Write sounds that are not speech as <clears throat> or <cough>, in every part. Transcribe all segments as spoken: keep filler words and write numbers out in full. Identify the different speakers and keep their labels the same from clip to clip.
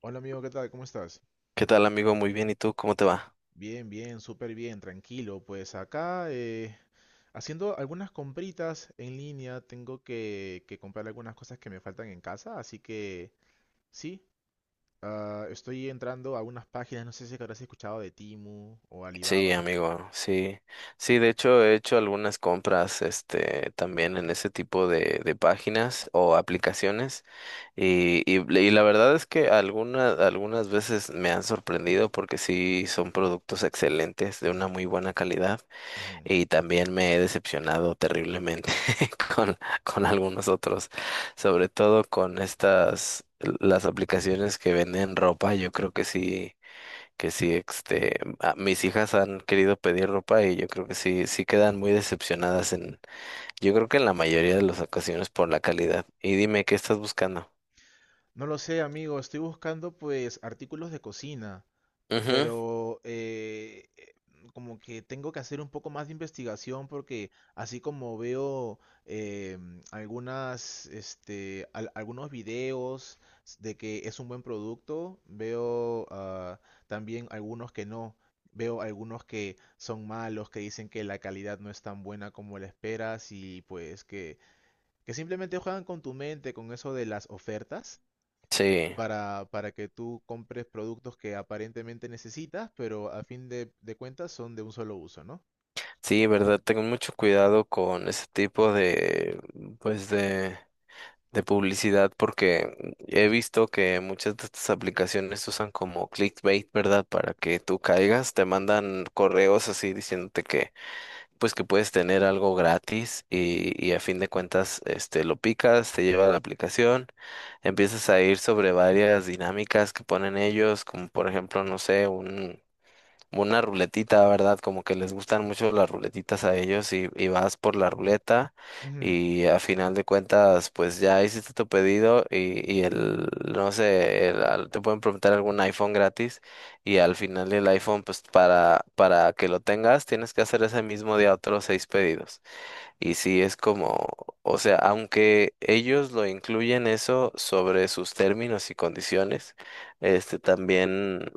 Speaker 1: Hola amigo, ¿qué tal? ¿Cómo estás?
Speaker 2: ¿Qué tal, amigo? Muy bien. ¿Y tú? ¿Cómo te va?
Speaker 1: Bien, bien, súper bien, tranquilo. Pues acá eh, haciendo algunas compritas en línea, tengo que, que comprar algunas cosas que me faltan en casa, así que sí, ah, estoy entrando a unas páginas, no sé si habrás escuchado de Timu o
Speaker 2: Sí,
Speaker 1: Alibaba.
Speaker 2: amigo. Sí. Sí, de hecho he hecho algunas compras, este, también en ese tipo de, de páginas o aplicaciones. Y, y, y la verdad es que algunas, algunas veces me han sorprendido porque sí son productos excelentes, de una muy buena calidad.
Speaker 1: Ujú.
Speaker 2: Y también me he decepcionado terriblemente <laughs> con, con algunos otros, sobre todo con estas, las aplicaciones que venden ropa. Yo creo que sí. Que sí, este, a- mis hijas han querido pedir ropa y yo creo que sí, sí quedan muy decepcionadas en, yo creo que en la mayoría de las ocasiones por la calidad. Y dime, ¿qué estás buscando?
Speaker 1: No lo sé, amigo, estoy buscando pues artículos de cocina.
Speaker 2: Ujú.
Speaker 1: Pero eh, eh, como que tengo que hacer un poco más de investigación porque así como veo em, algunas, este, al- algunos videos de que es un buen producto, veo ah, también algunos que no. Veo algunos que son malos, que dicen que la calidad no es tan buena como la esperas y pues que, que simplemente juegan con tu mente, con eso de las ofertas
Speaker 2: Sí,
Speaker 1: para, para que tú compres productos que aparentemente necesitas, pero a fin de, de cuentas son de un solo uso, ¿no?
Speaker 2: sí, verdad, tengo mucho cuidado con ese tipo de, pues de, de publicidad porque he visto que muchas de estas aplicaciones usan como clickbait, ¿verdad? Para que tú caigas, te mandan correos así diciéndote que pues que puedes tener algo gratis y, y a fin de cuentas, este, lo picas, te lleva a la aplicación, empiezas a ir sobre varias dinámicas que ponen ellos, como por ejemplo, no sé, un una ruletita, ¿verdad? Como que les gustan mucho las ruletitas a ellos y, y vas por la ruleta
Speaker 1: Ujú,
Speaker 2: y a final de cuentas, pues ya hiciste tu pedido y, y el, no sé, el- al- te pueden preguntar algún iPhone gratis y al final del iPhone, pues para, para que lo tengas, tienes que hacer ese mismo día otros seis pedidos. Y sí, es como, o sea, aunque ellos lo incluyen eso sobre sus términos y condiciones, este también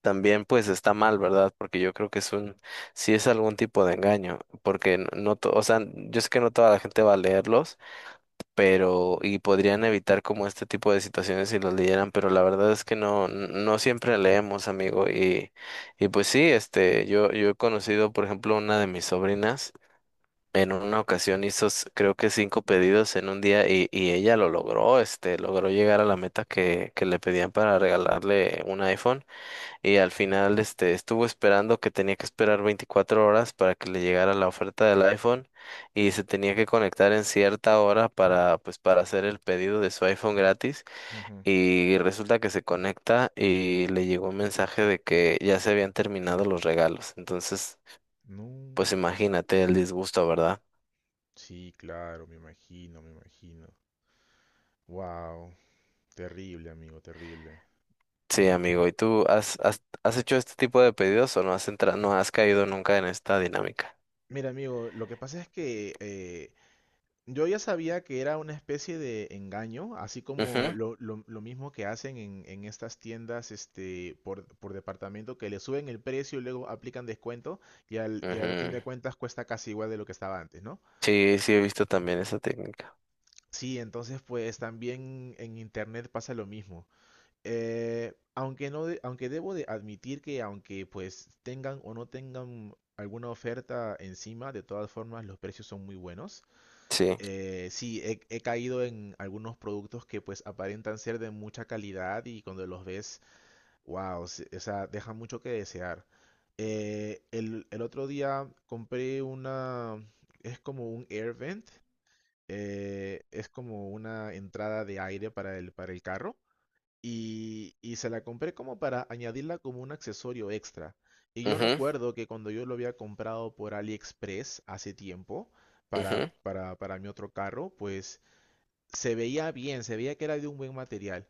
Speaker 2: también pues está mal, ¿verdad? Porque yo creo que es un, sí es algún tipo de engaño, porque n- no, to- o sea, yo sé que no toda la gente va a leerlos, pero, y podrían evitar como este tipo de situaciones si los leyeran, pero la verdad es que no, n- no siempre leemos, amigo, y, y pues sí, este, yo, yo he conocido, por ejemplo, una de mis sobrinas. En una ocasión hizo, s- creo que cinco pedidos en un día y, y ella lo logró, este, logró llegar a la meta que, que le pedían para regalarle un iPhone. Y al final, este, estuvo esperando que tenía que esperar veinticuatro horas para que le llegara la oferta del iPhone y se tenía que conectar en cierta hora para, pues, para hacer el pedido de su iPhone gratis.
Speaker 1: ujú.
Speaker 2: Y resulta que se conecta y le llegó un mensaje de que ya se habían terminado los regalos. Entonces,
Speaker 1: No.
Speaker 2: pues imagínate el disgusto, ¿verdad?
Speaker 1: Sí, claro, me imagino, me imagino. Wow, terrible, amigo, terrible.
Speaker 2: Sí, amigo. ¿Y tú has, has, has hecho este tipo de pedidos o no has entrado, no has caído nunca en esta dinámica?
Speaker 1: Mira, amigo, lo que pasa es que eh, yo ya sabía que era una especie de engaño, así como
Speaker 2: Ujú,
Speaker 1: lo, lo- lo mismo que hacen en, en estas tiendas este, por, por departamento, que le suben el precio y luego aplican descuento y al, y al fin
Speaker 2: ujú.
Speaker 1: de cuentas cuesta casi igual de lo que estaba antes, ¿no?
Speaker 2: Sí, sí he visto también esa técnica.
Speaker 1: Sí, entonces pues también en internet pasa lo mismo. Eh, aunque no, de- aunque debo de admitir que aunque pues tengan o no tengan alguna oferta encima, de todas formas los precios son muy buenos.
Speaker 2: Sí.
Speaker 1: Eh, sí, he, he caído en algunos productos que pues aparentan ser de mucha calidad y cuando los ves, wow, se- o sea, dejan mucho que desear. Eh, el, el otro día compré una, es como un air vent, eh, es como una entrada de aire para el, para el carro y, y se la compré como para añadirla como un accesorio extra. Y yo
Speaker 2: Ujú,
Speaker 1: recuerdo que cuando yo lo había comprado por AliExpress hace tiempo para,
Speaker 2: ujú,
Speaker 1: para, para mi otro carro, pues se veía bien, se veía que era de un buen material.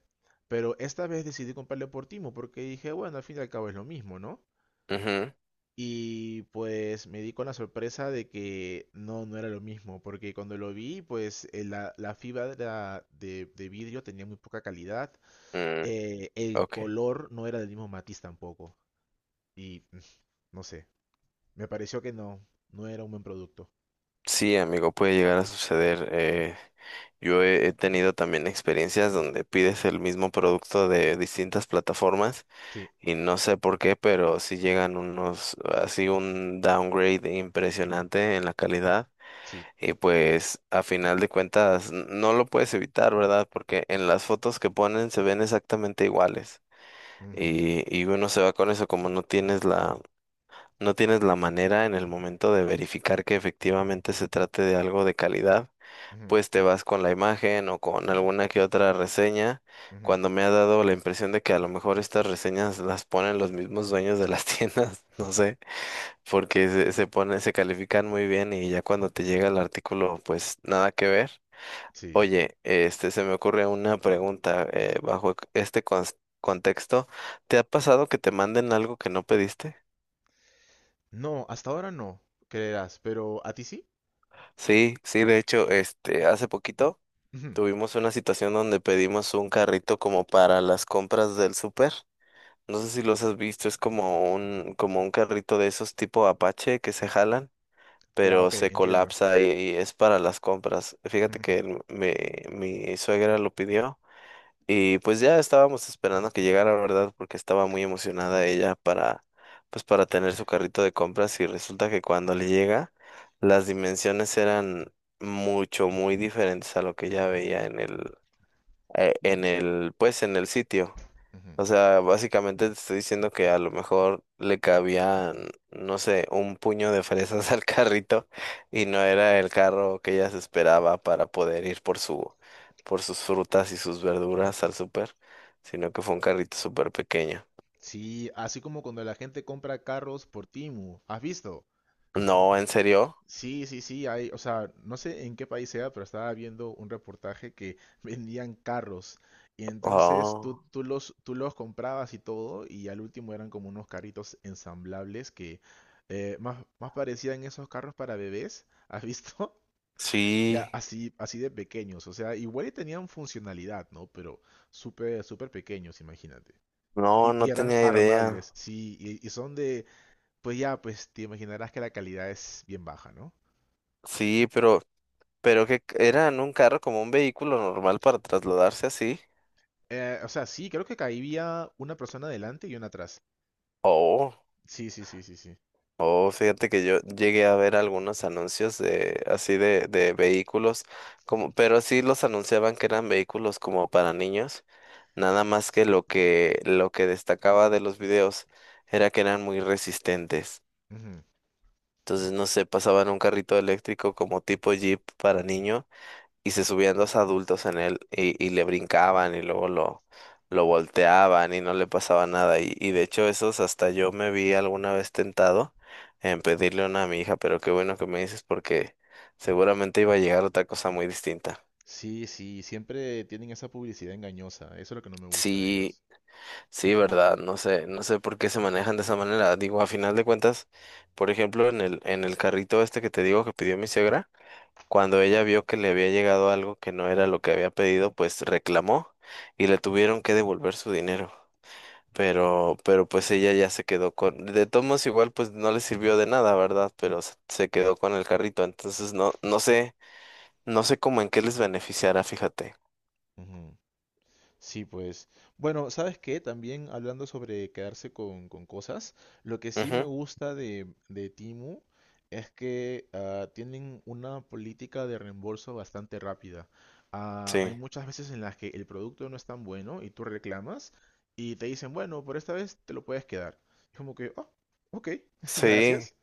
Speaker 1: Pero esta vez decidí comprarle por Timo porque dije, bueno, al fin y al cabo es lo mismo, ¿no?
Speaker 2: ujú,
Speaker 1: Y pues me di con la sorpresa de que no, no era lo mismo, porque cuando lo vi, pues eh, la, la fibra de, de vidrio tenía muy poca calidad,
Speaker 2: mm,
Speaker 1: eh, el
Speaker 2: ok.
Speaker 1: color no era del mismo matiz tampoco, y <laughs> mm, no sé, me pareció que no, no era un buen producto.
Speaker 2: Sí, amigo, puede llegar a suceder. eh, yo he, he tenido también experiencias donde pides el mismo producto de distintas plataformas
Speaker 1: Sí,
Speaker 2: y no sé por qué, pero sí llegan unos, así un downgrade impresionante en la calidad.
Speaker 1: sí,
Speaker 2: Y pues a final de cuentas n- no lo puedes evitar, ¿verdad? Porque en las fotos que ponen se ven exactamente iguales.
Speaker 1: ujú,
Speaker 2: Y, y uno se va con eso, como no tienes la no tienes la manera en el momento de verificar que efectivamente se trate de algo de calidad,
Speaker 1: ujú,
Speaker 2: pues te vas con la imagen o con alguna que otra reseña,
Speaker 1: ujú,
Speaker 2: cuando me ha dado la impresión de que a lo mejor estas reseñas las ponen los mismos dueños de las <laughs> tiendas, no sé, porque se, se pone, se califican muy bien y ya cuando te llega el artículo, pues nada que ver.
Speaker 1: sí.
Speaker 2: Oye, este, se me ocurre una pregunta eh, bajo este cons- contexto. ¿Te ha pasado que te manden algo que no pediste?
Speaker 1: No, hasta ahora no, creerás, pero ¿a ti sí?
Speaker 2: Sí, sí, de hecho, este, hace poquito
Speaker 1: Ujú.
Speaker 2: tuvimos una situación donde pedimos un carrito como para las compras del súper. No sé si los has visto, es como un, como un carrito de esos tipo Apache que se jalan,
Speaker 1: Ya,
Speaker 2: pero
Speaker 1: ok,
Speaker 2: se
Speaker 1: entiendo.
Speaker 2: colapsa y, y es para las compras. Fíjate
Speaker 1: Ujú,
Speaker 2: que el- mi, mi suegra lo pidió. Y pues ya estábamos esperando que llegara, ¿verdad? Porque estaba muy emocionada ella para, pues para tener su carrito de compras y resulta que cuando le llega, las dimensiones eran mucho, muy diferentes a lo que ella veía en el, eh, en el, pues en el sitio.
Speaker 1: ujú.
Speaker 2: O sea, básicamente te estoy diciendo que a lo mejor le cabían, no sé, un puño de fresas <laughs> al carrito y no era el carro que ella se esperaba para poder ir por su, por sus frutas y sus verduras al súper, sino que fue un carrito súper pequeño.
Speaker 1: Sí, así como cuando la gente compra carros por Timu. ¿Has visto?
Speaker 2: No, ¿en serio?
Speaker 1: Sí, sí, sí, hay, o sea, no sé en qué país sea, pero estaba viendo un reportaje que <laughs> vendían carros. Y entonces tú,
Speaker 2: Oh,
Speaker 1: tú los, tú los comprabas y todo, y al último eran como unos carritos ensamblables que eh, más, más parecían esos carros para bebés, ¿has visto? <laughs> Ya
Speaker 2: sí.
Speaker 1: así, así de pequeños, o sea, igual y tenían funcionalidad, ¿no? Pero súper, súper pequeños, imagínate. Y,
Speaker 2: No,
Speaker 1: y
Speaker 2: no
Speaker 1: eran
Speaker 2: tenía idea.
Speaker 1: armables, sí, y, y son de, pues ya, pues te imaginarás que la calidad es bien baja, ¿no?
Speaker 2: Sí, pero, pero que c- era en un carro como un vehículo normal para trasladarse así.
Speaker 1: Eh, o sea, sí, creo que caía una persona adelante y una atrás.
Speaker 2: Oh.
Speaker 1: Sí, sí, sí, sí, sí.
Speaker 2: Oh, fíjate que yo llegué a ver algunos anuncios de así de, de vehículos, como, pero sí los anunciaban que eran vehículos como para niños, nada más que lo que lo que destacaba de los videos era que eran muy resistentes.
Speaker 1: Ujú.
Speaker 2: Entonces, no sé, pasaban un carrito eléctrico como tipo Jeep para niños y se subían dos adultos en él y, y le brincaban y luego lo, lo volteaban y no le pasaba nada. Y, y de hecho esos hasta yo me vi alguna vez tentado en pedirle una a mi hija, pero qué bueno que me dices porque seguramente iba a llegar otra cosa muy distinta.
Speaker 1: Sí, sí, siempre tienen esa publicidad engañosa. Eso es lo que no me gusta de
Speaker 2: Sí,
Speaker 1: ellos.
Speaker 2: sí, verdad, no sé, no sé por qué se manejan de esa manera. Digo, a final de cuentas, por ejemplo, en el, en el carrito este que te digo que pidió mi suegra. Cuando ella vio que le había llegado algo que no era lo que había pedido, pues reclamó y le tuvieron que devolver su dinero. Pero, pero pues ella ya se quedó con, de todos modos igual pues no le sirvió de nada, ¿verdad? Pero se se quedó con el carrito. Entonces no, no sé, no sé cómo en qué les beneficiará, fíjate.
Speaker 1: Sí, pues. Bueno, ¿sabes qué? También hablando sobre quedarse con, con cosas, lo que sí me
Speaker 2: Ujú.
Speaker 1: gusta de, de Temu es que ah, tienen una política de reembolso bastante rápida. Ah, hay
Speaker 2: Sí,
Speaker 1: muchas veces en las que el producto no es tan bueno y tú reclamas y te dicen, bueno, por esta vez te lo puedes quedar. Es como que, oh, ok, <laughs>
Speaker 2: sí,
Speaker 1: gracias,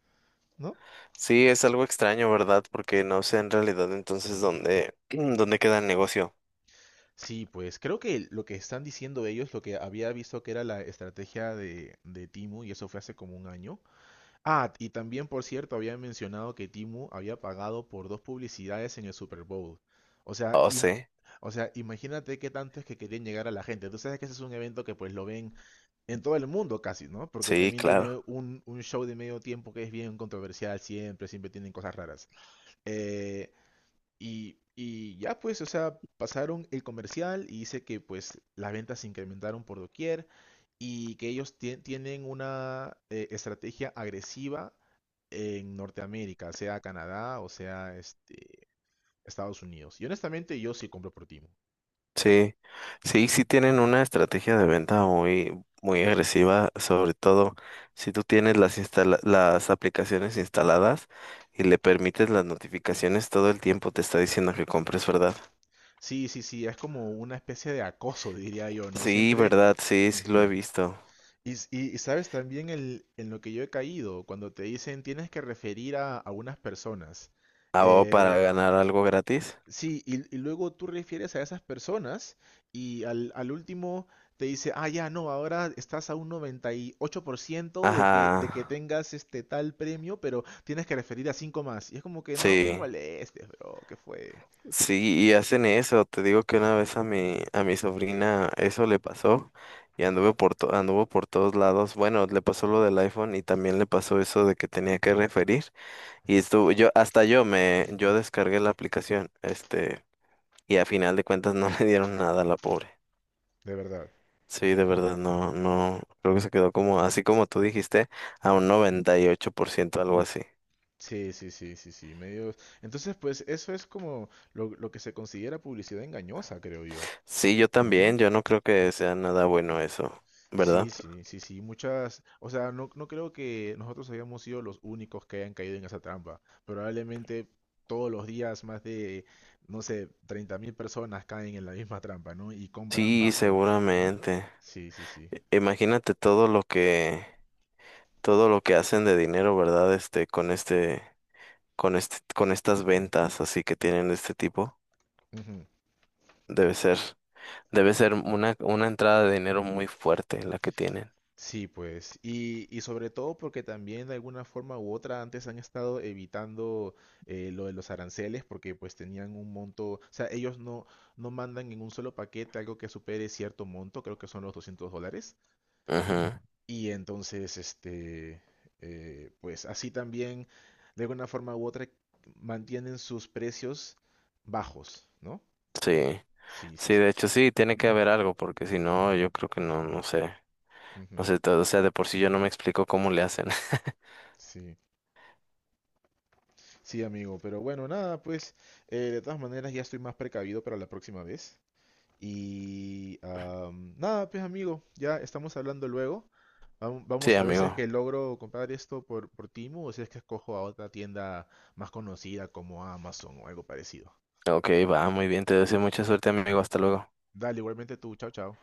Speaker 1: ¿no?
Speaker 2: sí, es algo extraño, ¿verdad? Porque no sé en realidad entonces dónde, <clears throat> dónde queda el negocio.
Speaker 1: Sí, pues creo que lo que están diciendo ellos, lo que había visto que era la estrategia de, de Temu, y eso fue hace como un año. Ah, y también, por cierto, había mencionado que Timu había pagado por dos publicidades en el Super Bowl. O sea,
Speaker 2: Oh,
Speaker 1: im-
Speaker 2: sí,
Speaker 1: o sea, imagínate qué tanto es que querían llegar a la gente. Tú sabes que ese es un evento que pues lo ven en todo el mundo casi, ¿no? Porque
Speaker 2: sí,
Speaker 1: también
Speaker 2: claro.
Speaker 1: tiene un, un show de medio tiempo que es bien controversial siempre, siempre tienen cosas raras. Eh, y, y ya pues, o sea, pasaron el comercial y dice que pues las ventas se incrementaron por doquier y que ellos tie- tienen una eh, estrategia agresiva en Norteamérica, sea Canadá o sea este, Estados Unidos. Y honestamente yo sí compro por Timo.
Speaker 2: Sí, sí, sí tienen una estrategia de venta muy, muy agresiva, sobre todo si tú tienes las instala- las aplicaciones instaladas y le permites las notificaciones, todo el tiempo te está diciendo que compres, ¿verdad?
Speaker 1: Sí, sí, sí, es como una especie de acoso, <laughs> diría yo, ¿no?
Speaker 2: Sí,
Speaker 1: Siempre...
Speaker 2: ¿verdad? Sí, sí lo he
Speaker 1: Ujú.
Speaker 2: visto.
Speaker 1: Y, s- y- y sabes también el- en lo que yo he caído, cuando te dicen tienes que referir a, a unas personas.
Speaker 2: Ah, o
Speaker 1: Eh,
Speaker 2: para ganar algo gratis.
Speaker 1: sí, y, y luego tú refieres a esas personas y al, al último te dice, ah, ya, no, ahora estás a un noventa y ocho por ciento de que, de que
Speaker 2: Ajá,
Speaker 1: tengas este tal premio, pero tienes que referir a cinco más. Y es como que no me
Speaker 2: sí.
Speaker 1: molestes, bro, ¿qué fue?
Speaker 2: Sí, y hacen eso. Te digo que una vez a mi, a mi sobrina eso le pasó y anduvo por to- anduvo por todos lados. Bueno, le pasó lo del iPhone y también le pasó eso de que tenía que referir. Y estuvo, yo, hasta yo me, yo descargué la aplicación, este, y a final de cuentas no <laughs> le dieron nada a la pobre.
Speaker 1: De verdad.
Speaker 2: Sí, de verdad, no, no, creo que se quedó como, así como tú dijiste, a un noventa y ocho por ciento, algo así.
Speaker 1: Sí, sí, sí, sí, sí, medio... Entonces, pues eso es como lo, lo que se considera publicidad engañosa, creo yo,
Speaker 2: Sí, yo
Speaker 1: ¿no?
Speaker 2: también, yo no creo que sea nada bueno eso,
Speaker 1: Sí,
Speaker 2: ¿verdad?
Speaker 1: sí, sí, sí, muchas, o sea, no, no creo que nosotros hayamos sido los únicos que hayan caído en esa trampa. Probablemente todos los días más de, no sé, treinta mil personas caen en la misma trampa, ¿no? Y compran
Speaker 2: Sí,
Speaker 1: bajo, ¿no?
Speaker 2: seguramente.
Speaker 1: Sí, sí, sí.
Speaker 2: Imagínate todo lo que, todo lo que hacen de dinero, ¿verdad? Este, con este, con este, con estas ventas así que tienen de este tipo.
Speaker 1: Ujú.
Speaker 2: Debe ser, debe ser una, una entrada de dinero muy fuerte la que tienen.
Speaker 1: Sí, pues, y, y sobre todo porque también de alguna forma u otra antes han estado evitando eh, lo de los aranceles porque pues tenían un monto, o sea, ellos no, no mandan en un solo paquete algo que supere cierto monto, creo que son los doscientos dólares.
Speaker 2: Ujú.
Speaker 1: Y entonces, este, eh, pues así también, de alguna forma u otra, mantienen sus precios bajos, ¿no?
Speaker 2: Sí,
Speaker 1: Sí, sí,
Speaker 2: sí,
Speaker 1: sí.
Speaker 2: de hecho sí, tiene que haber algo, porque si no, yo creo que no, no sé. No
Speaker 1: Ujú.
Speaker 2: sé, todo, o sea, de por sí yo no me explico cómo le hacen. <laughs>
Speaker 1: Sí, sí, amigo. Pero bueno, nada, pues, eh, de todas maneras ya estoy más precavido para la próxima vez. Y am, nada, pues, amigo, ya estamos hablando luego. Vam-
Speaker 2: Sí,
Speaker 1: Vamos a ver si es
Speaker 2: amigo.
Speaker 1: que logro comprar esto por, por Temu o si es que escojo a otra tienda más conocida como Amazon o algo parecido.
Speaker 2: Ok, va, muy bien, te deseo mucha suerte, amigo. Hasta luego.
Speaker 1: Dale, igualmente tú. Chao, chao.